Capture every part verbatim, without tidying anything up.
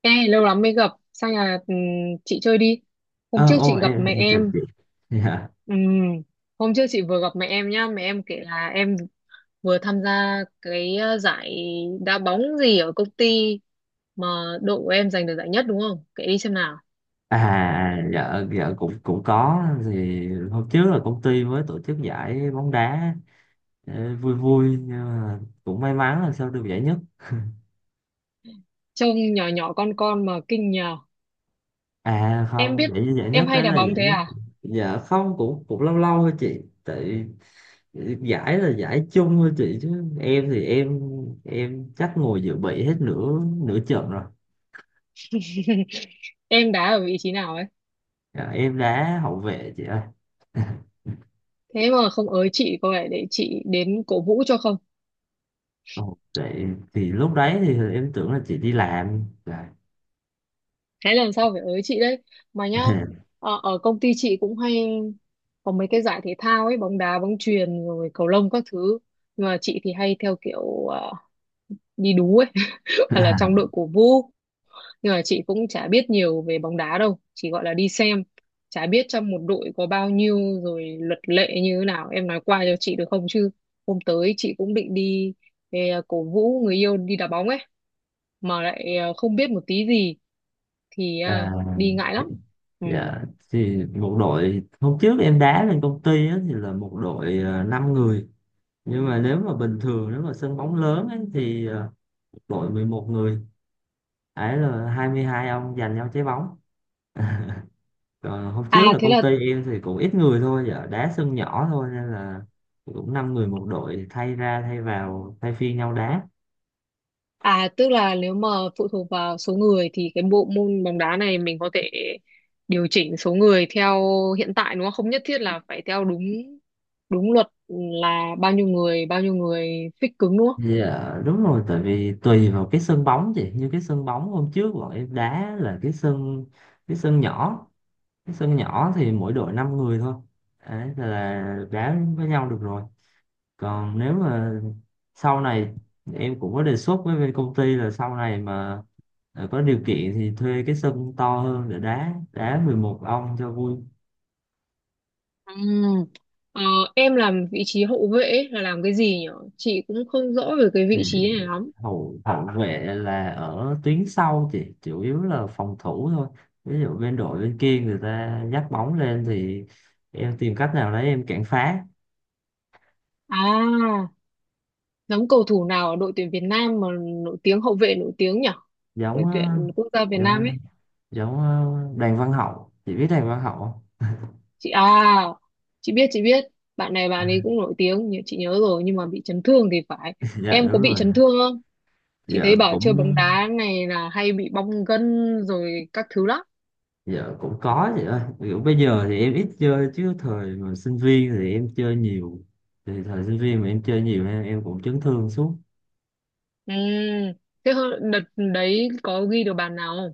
Ê, lâu lắm mới gặp, sang nhà ừm, chị chơi đi. Hôm Ờ trước ô chị gặp em mẹ em chào em. chị. Dạ. Ừm, Hôm trước chị vừa gặp mẹ em nhá, mẹ em kể là em vừa tham gia cái ờ, giải đá bóng gì ở công ty mà đội của em giành được giải nhất đúng không? Kể đi xem nào. À dạ dạ, cũng cũng có. Thì hôm trước là công ty mới tổ chức giải bóng đá, ờ, vui vui, nhưng mà cũng may mắn là sao được giải nhất. Trông nhỏ nhỏ con con mà kinh nhờ. À Em không, biết giải giải em nhất hay đấy đá là bóng giải thế nhất. à? Dạ không, cũng cũng lâu lâu thôi chị, tại giải là giải chung thôi chị, chứ em thì em em chắc ngồi dự bị hết nửa nửa trận rồi. Em đá ở vị trí nào ấy? Dạ, em đá hậu vệ chị ơi. Thế mà không ới chị cô ấy để chị đến cổ vũ cho không? Ồ, vậy thì lúc đấy thì em tưởng là chị đi làm. Dạ. Thế lần sau phải ới chị đấy mà nhá. Ở, ở công ty chị cũng hay có mấy cái giải thể thao ấy, bóng đá, bóng chuyền rồi cầu lông các thứ, nhưng mà chị thì hay theo kiểu ờ, đi đú ấy, hoặc là trong đội cổ vũ, nhưng mà chị cũng chả biết nhiều về bóng đá đâu, chỉ gọi là đi xem, chả biết trong một đội có bao nhiêu rồi luật lệ như thế nào, em nói qua cho chị được không? Chứ hôm tới chị cũng định đi về cổ vũ người yêu đi đá bóng ấy, mà lại ờ, không biết một tí gì thì À, à, đi ngại lắm. Ừ. dạ. Thì một đội hôm trước em đá lên công ty á, thì là một đội uh, năm người, nhưng mà nếu mà bình thường, nếu mà sân bóng lớn ấy, thì ờ, đội mười một người. Ấy là hai mươi hai ông giành nhau trái bóng. Còn hôm trước À là thế công ty là, em thì cũng ít người thôi, dạ, đá sân nhỏ thôi nên là cũng năm người một đội, thay ra thay vào thay phiên nhau đá. à tức là, nếu mà phụ thuộc vào số người thì cái bộ môn bóng đá này mình có thể điều chỉnh số người theo hiện tại đúng không, không nhất thiết là phải theo đúng đúng luật là bao nhiêu người bao nhiêu người fix cứng đúng không? Dạ đúng rồi, tại vì tùy vào cái sân bóng chị, như cái sân bóng hôm trước bọn em đá là cái sân, cái sân nhỏ, cái sân nhỏ thì mỗi đội năm người thôi, đấy là đá với nhau được rồi. Còn nếu mà sau này em cũng có đề xuất với bên công ty là sau này mà ờ, có điều kiện thì thuê cái sân to hơn để đá đá mười một ông cho vui. Ừm. Ờ, em làm vị trí hậu vệ ấy, là làm cái gì nhỉ? Chị cũng không rõ về cái Thì vị trí này lắm. hậu hậu vệ là ở tuyến sau, chỉ chủ yếu là phòng thủ thôi. Ví dụ bên đội bên kia người ta dắt bóng lên thì em tìm cách nào đấy em cản phá. À giống cầu thủ nào ở đội tuyển Việt Nam mà nổi tiếng, hậu vệ nổi tiếng nhỉ, đội giống ờ, tuyển quốc gia Việt Nam giống ấy. giống ờ, Đàn Văn Hậu, chị biết Đàn Văn Hậu không? Chị à, chị biết, chị biết, bạn này bạn ấy cũng nổi tiếng nhưng chị nhớ rồi, nhưng mà bị chấn thương thì phải. Dạ Em đúng có bị rồi. chấn thương không? Chị Dạ thấy bảo cũng. chơi bóng đá này là hay bị bong gân rồi các thứ lắm. Dạ cũng có chị ơi, kiểu bây giờ thì em ít chơi, chứ thời mà sinh viên thì em chơi nhiều. Thì thời sinh viên mà em chơi nhiều, em, em cũng chấn thương suốt. Ừ, thế hơ- đợt đấy có ghi được bàn nào không?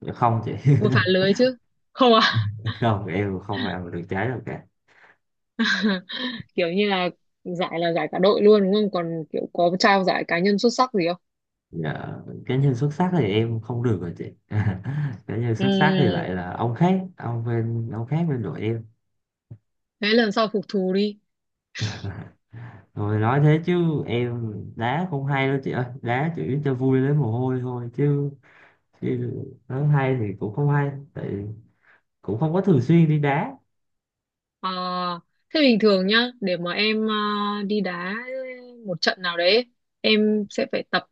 Dạ không chị. Vừa phá lưới chứ? Không à? Không, em không vào được trái đâu cả. Kiểu như là giải là giải cả đội luôn đúng không, còn kiểu có trao giải cá nhân xuất sắc gì không? Dạ cá nhân xuất sắc thì em không được rồi chị. Cá nhân Ừ, xuất sắc thì lại là ông khác, ông bên ông khác bên đội em. thế lần sau phục thù đi. Rồi nói thế chứ em đá cũng hay đâu chị ơi. Đá chỉ cho vui lấy mồ hôi thôi chứ, chứ nói hay thì cũng không hay. Tại cũng không có thường xuyên đi đá. Ờ, thế bình thường nhá, để mà em ờ, đi đá một trận nào đấy, em sẽ phải tập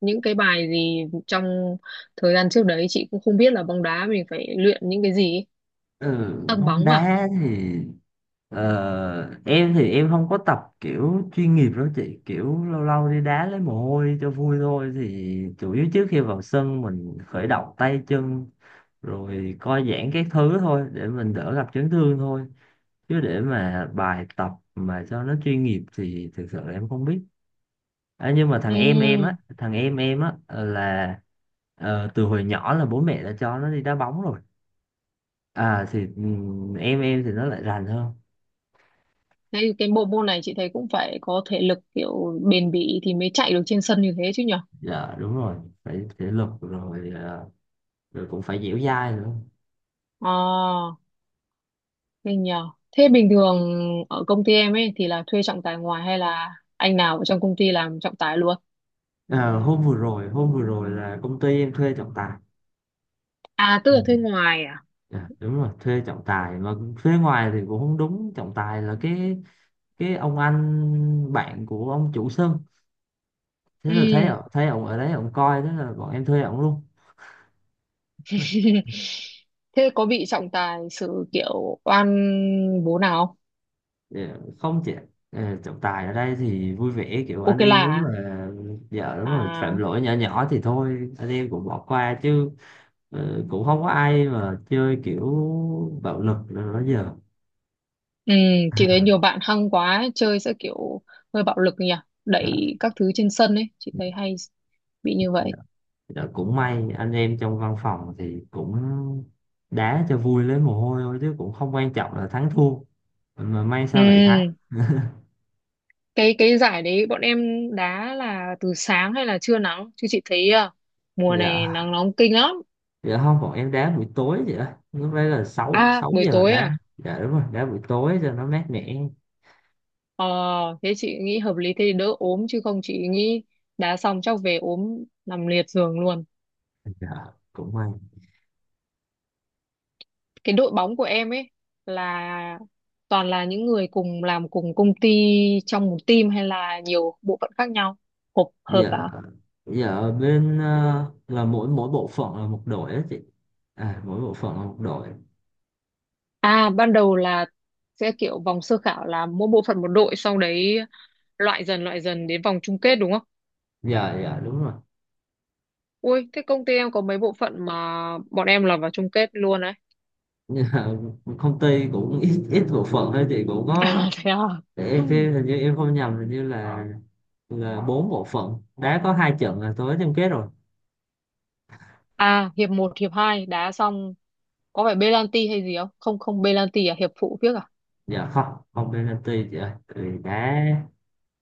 những cái bài gì trong thời gian trước đấy? Chị cũng không biết là bóng đá mình phải luyện những cái gì ấy. Ừ, Tăng bóng bóng à? đá thì ờ, em thì em không có tập kiểu chuyên nghiệp đâu chị. Kiểu lâu lâu đi đá lấy mồ hôi cho vui thôi. Thì chủ yếu trước khi vào sân mình khởi động tay chân, rồi co giãn các thứ thôi để mình đỡ gặp chấn thương thôi. Chứ để mà bài tập mà cho nó chuyên nghiệp thì thực sự là em không biết. À, nhưng mà thằng Ừ, em em á, thằng em em á là ờ, từ hồi nhỏ là bố mẹ đã cho nó đi đá bóng rồi. À thì ừm, em em thì nó lại rành hơn. thế thì cái bộ môn này chị thấy cũng phải có thể lực kiểu bền bỉ thì mới chạy được trên sân như thế chứ nhở? Dạ đúng rồi, phải thể lực rồi, ờ, rồi cũng phải dẻo dai nữa. Ờ, thế nhờ. Thế bình thường ở công ty em ấy thì là thuê trọng tài ngoài hay là anh nào ở trong công ty làm trọng tài luôn? Ờ, hôm vừa rồi hôm vừa rồi là công ty em thuê trọng tài. À, tức Ừ. là thuê ngoài à? Dạ, đúng rồi, thuê trọng tài mà thuê ngoài thì cũng không đúng, trọng tài là cái cái ông anh bạn của ông chủ sân, thế Ừ. là thấy ổng- thấy ông ở đấy ông coi, thế là bọn em thuê ông luôn. Thế có bị trọng tài xử kiểu oan bố nào không? Ờ, Không chị, ờ, trọng tài ở đây thì vui vẻ kiểu anh Ok là em, nếu mà à? vợ nếu mà phạm À, lỗi nhỏ nhỏ thì thôi anh em cũng bỏ qua chứ. Ờ, cũng không có ai mà chơi kiểu bạo lực nữa đó giờ. ừ, chị thấy nhiều bạn hăng quá ấy, chơi sẽ kiểu hơi bạo lực nhỉ, Dạ, đẩy các thứ trên sân ấy, chị thấy hay bị như dạ. vậy. Dạ, cũng may anh em trong văn phòng thì cũng đá cho vui lấy mồ hôi thôi chứ cũng không quan trọng là thắng thua, mà may Ừ, sao lại thắng. cái cái giải đấy bọn em đá là từ sáng hay là trưa nắng? Chứ chị thấy à, mùa này Dạ nắng nóng kinh lắm. dạ không, bọn em đá buổi tối vậy á, lúc đấy là sáu À, sáu buổi giờ tối đá. à? Dạ đúng rồi, đá buổi tối cho nó mát mẻ. Ờ, thế chị nghĩ hợp lý, thế thì đỡ ốm chứ không chị nghĩ đá xong chắc về ốm nằm liệt giường luôn. Dạ cũng may. Cái đội bóng của em ấy là toàn là những người cùng làm cùng công ty trong một team, hay là nhiều bộ phận khác nhau hợp hợp Dạ vào? dạ, ở bên ờ, là mỗi mỗi bộ phận là một đội á chị. À mỗi bộ phận là một đội. À ban đầu là sẽ kiểu vòng sơ khảo là mỗi bộ phận một đội, sau đấy loại dần loại dần đến vòng chung kết đúng không? Dạ dạ đúng rồi. Ui thế công ty em có mấy bộ phận mà bọn em là vào chung kết luôn đấy. Dạ, công ty cũng ít ít bộ phận thôi chị, cũng có, À thế à? để em xem, hình như em không nhầm, hình như là là bốn bộ phận đá có hai trận là tối chung kết rồi. À hiệp một hiệp hai đá xong có phải penalty hay gì không? Không, không, penalty à, hiệp phụ phiếc à? Dạ không, không penalty chị ơi, thì đá.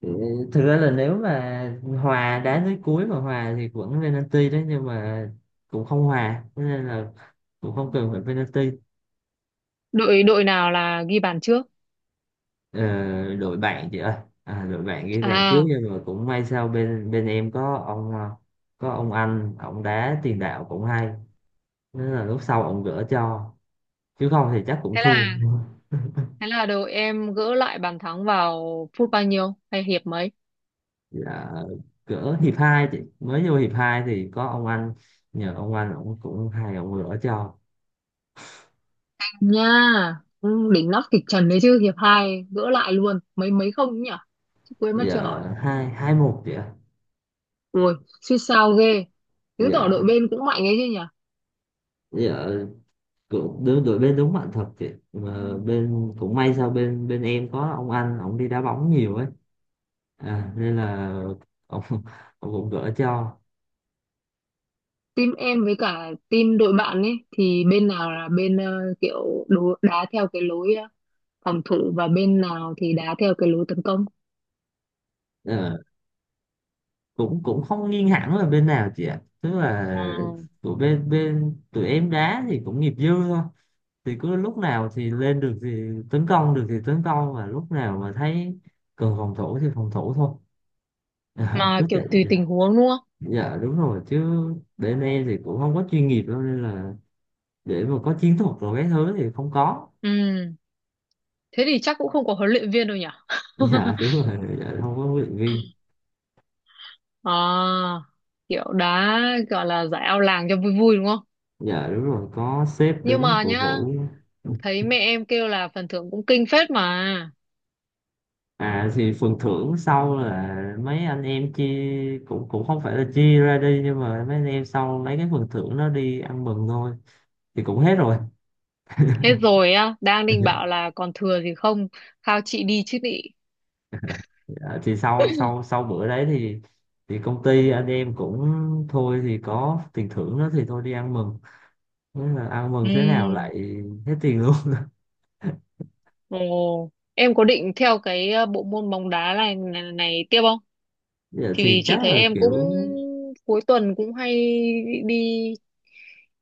Ừ, thực ra là nếu mà hòa, đá tới cuối mà hòa thì cũng penalty đấy, nhưng mà cũng không hòa. Thế nên là cũng không cần phải penalty. Đội đội nào là ghi bàn trước? ờ, Đội bạn chị ơi. À, đội bạn ghi bàn trước, À nhưng mà cũng may sao bên bên em có ông à, có ông anh ông đá tiền đạo cũng hay, nên là lúc sau ông gỡ cho. Chứ không thì chắc cũng thế thua. là thế là đầu em gỡ lại bàn thắng vào phút bao nhiêu hay hiệp mấy? Dạ, gỡ hiệp hai chị, mới vô hiệp hai thì có ông anh, nhờ ông anh ông cũng hay, ông gỡ cho. Nha, ừ, đỉnh nóc kịch trần đấy chứ, hiệp hai gỡ lại luôn mấy mấy không ấy nhỉ? Chứ quên mất chưa Giờ hỏi. hai hai một chị ạ. Ui suýt sao ghê. Chứng tỏ Dạ. đội bên cũng mạnh ấy chứ nhỉ. Dạ, cũng đứng đội bên, đúng bạn thật chị, mà bên cũng may sao bên bên em có ông anh ông đi đá bóng nhiều ấy, à, nên là ông, ông cũng gỡ cho. Team em với cả team đội bạn ấy thì bên nào là bên ờ, kiểu đố- đá theo cái lối ờ, phòng thủ, và bên nào thì đá theo cái lối tấn công? Ờ, cũng cũng không nghiêng hẳn là bên nào chị ạ, tức là Ừ. tụi bên bên tụi em đá thì cũng nghiệp dư thôi, thì cứ lúc nào thì lên được thì tấn công được thì tấn công, và lúc nào mà thấy cần phòng thủ thì phòng thủ thôi. Ờ, Mà Cứ kiểu chạy. tùy Dạ, tình huống đúng không? dạ đúng rồi chứ bên em thì cũng không có chuyên nghiệp đâu, nên là để mà có chiến thuật rồi cái thứ thì không có. Ừ thế thì chắc cũng không có huấn luyện viên đâu nhỉ. Dạ đúng. Ừ. Rồi dạ, không có huấn luyện viên. À, kiểu đá gọi là giải ao làng cho vui vui đúng không? Dạ đúng rồi, có sếp Nhưng đứng mà cổ nhá, vũ. thấy mẹ em kêu là phần thưởng cũng kinh phết mà. À thì phần thưởng sau là mấy anh em chia, cũng cũng không phải là chia ra đi, nhưng mà mấy anh em sau lấy cái phần thưởng đó đi ăn mừng thôi, thì cũng hết rồi. Hết rồi á, đang định bảo là còn thừa gì không, khao chị đi chứ nị. Dạ, thì sau sau sau bữa đấy thì thì công ty anh em cũng thôi, thì có tiền thưởng đó thì thôi đi ăn mừng. Thế là ăn Ừ, mừng thế nào lại hết tiền luôn. ồ, em có định theo cái ờ, bộ môn bóng đá này, này, này tiếp không? Dạ, Thì vì thì chị chắc thấy là em cũng kiểu, cuối tuần cũng hay đi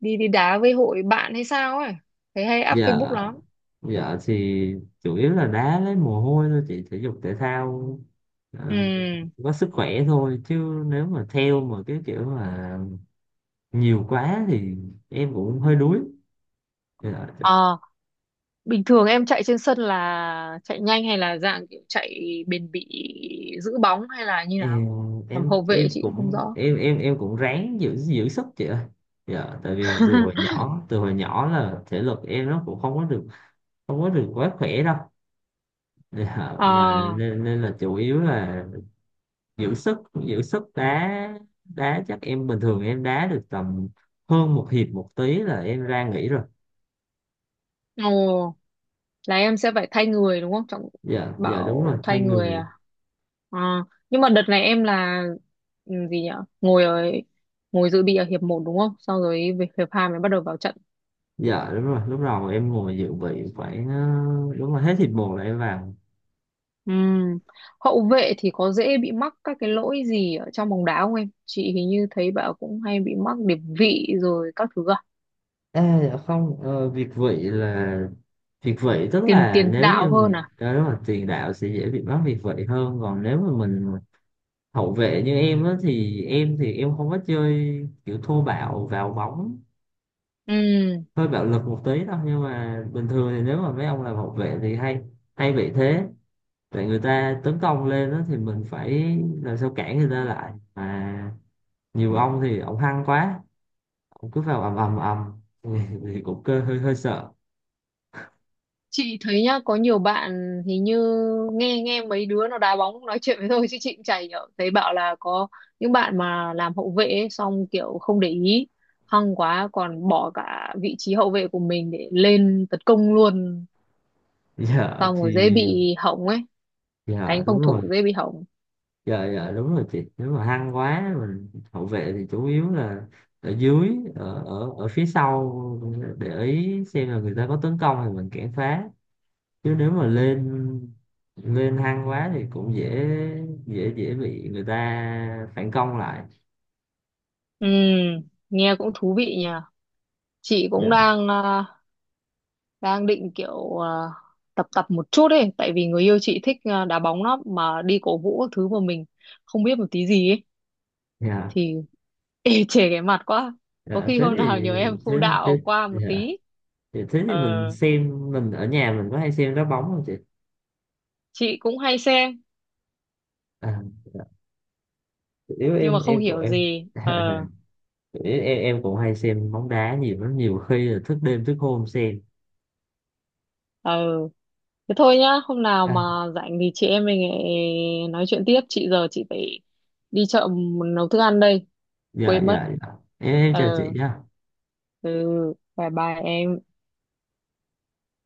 đi đi đá với hội bạn hay sao ấy, thấy hay up dạ. Facebook lắm. Dạ thì chủ yếu là đá lấy mồ hôi thôi chị, thể dục thể thao, ờ, có sức khỏe thôi, chứ nếu mà theo mà cái kiểu mà nhiều quá thì em cũng hơi đuối. Dạ, Ừ. Bình thường em chạy trên sân là chạy nhanh hay là dạng kiểu chạy bền bỉ giữ bóng hay là như nào? em Làm em hậu vệ em chị không cũng rõ. em em em cũng ráng giữ giữ sức chị ơi. Dạ tại vì từ hồi nhỏ từ hồi nhỏ là thể lực em nó cũng không có được, không có được quá khỏe đâu. Dạ, mà À, nên, nên là chủ yếu là giữ sức giữ sức đá đá chắc em bình thường em đá được tầm hơn một hiệp một tí là em ra nghỉ rồi. ồ, là em sẽ phải thay người đúng không? Trọng Dạ dạ đúng rồi, bảo thay thay người người. à? À, nhưng mà đợt này em là ừ, gì nhỉ? Ngồi ở ngồi dự bị ở hiệp một đúng không? Sau rồi về hiệp hai mới bắt đầu vào trận. Dạ đúng rồi, lúc đầu em ngồi dự bị khoảng ờ, đúng rồi hết hiệp một là em vào. Ừm, Hậu vệ thì có dễ bị mắc các cái lỗi gì ở trong bóng đá không em? Chị hình như thấy bảo cũng hay bị mắc điệp vị rồi các thứ à? À dạ không, ờ, việt vị là việt vị tức Tiền là tiền nếu đạo như hơn là à? đó đúng rồi, tiền đạo sẽ dễ bị mắc việt vị hơn, còn nếu mà mình hậu vệ như em á thì em thì em không có chơi kiểu thô bạo vào bóng, Ừm, hơi bạo lực một tí đó, nhưng mà bình thường thì nếu mà mấy ông làm hậu vệ thì hay hay bị thế. Tại người ta tấn công lên đó thì mình phải làm sao cản người ta lại mà nhiều ông thì ông hăng quá, ông cứ vào ầm ầm ầm, thì, cũng cơ hơi hơi sợ. Chị thấy nhá, có nhiều bạn hình như nghe nghe mấy đứa nó đá bóng nói chuyện với tôi chứ chị cũng chả hiểu. Thấy bảo là có những bạn mà làm hậu vệ ấy, xong kiểu không để ý, hăng quá còn bỏ cả vị trí hậu vệ của mình để lên tấn công luôn, giờ xong thì rồi dễ bị hỏng ấy, Giờ cánh đúng phòng rồi. thủ dễ bị hỏng. Giờ Giờ đúng rồi chị, nếu mà hăng quá mình hậu vệ thì chủ yếu là ở dưới, ở ở, ở phía sau, để ý xem là người ta có tấn công thì mình cản phá. Chứ nếu mà lên lên hăng quá thì cũng dễ, dễ dễ bị người ta phản công lại. Ừ, nghe cũng thú vị nhỉ. Chị cũng Dạ đang à, đang định kiểu à, tập tập một chút ấy, tại vì người yêu chị thích à, đá bóng lắm mà đi cổ vũ các thứ mà mình không biết một tí gì ấy dạ thì ê chề cái mặt quá. Có dạ. khi thế hôm nào thì nhờ em phụ thế thế đạo qua một dạ tí. thì Thế thì Ờ, mình xem mình ở nhà mình có hay xem đá bóng không chị? chị cũng hay xem À, dạ. Nếu nhưng mà em không em của hiểu em, gì. Ờ, em em cũng hay xem bóng đá nhiều lắm, nhiều khi là thức đêm thức hôm xem. ừ, thế thôi nhá, hôm nào À, mà rảnh thì chị em mình lại nói chuyện tiếp, chị giờ chị phải đi chợ nấu thức ăn đây, dạ quên mất. dạ dạ, em em chào Ờ, chị nhá. ừ, bye bye em.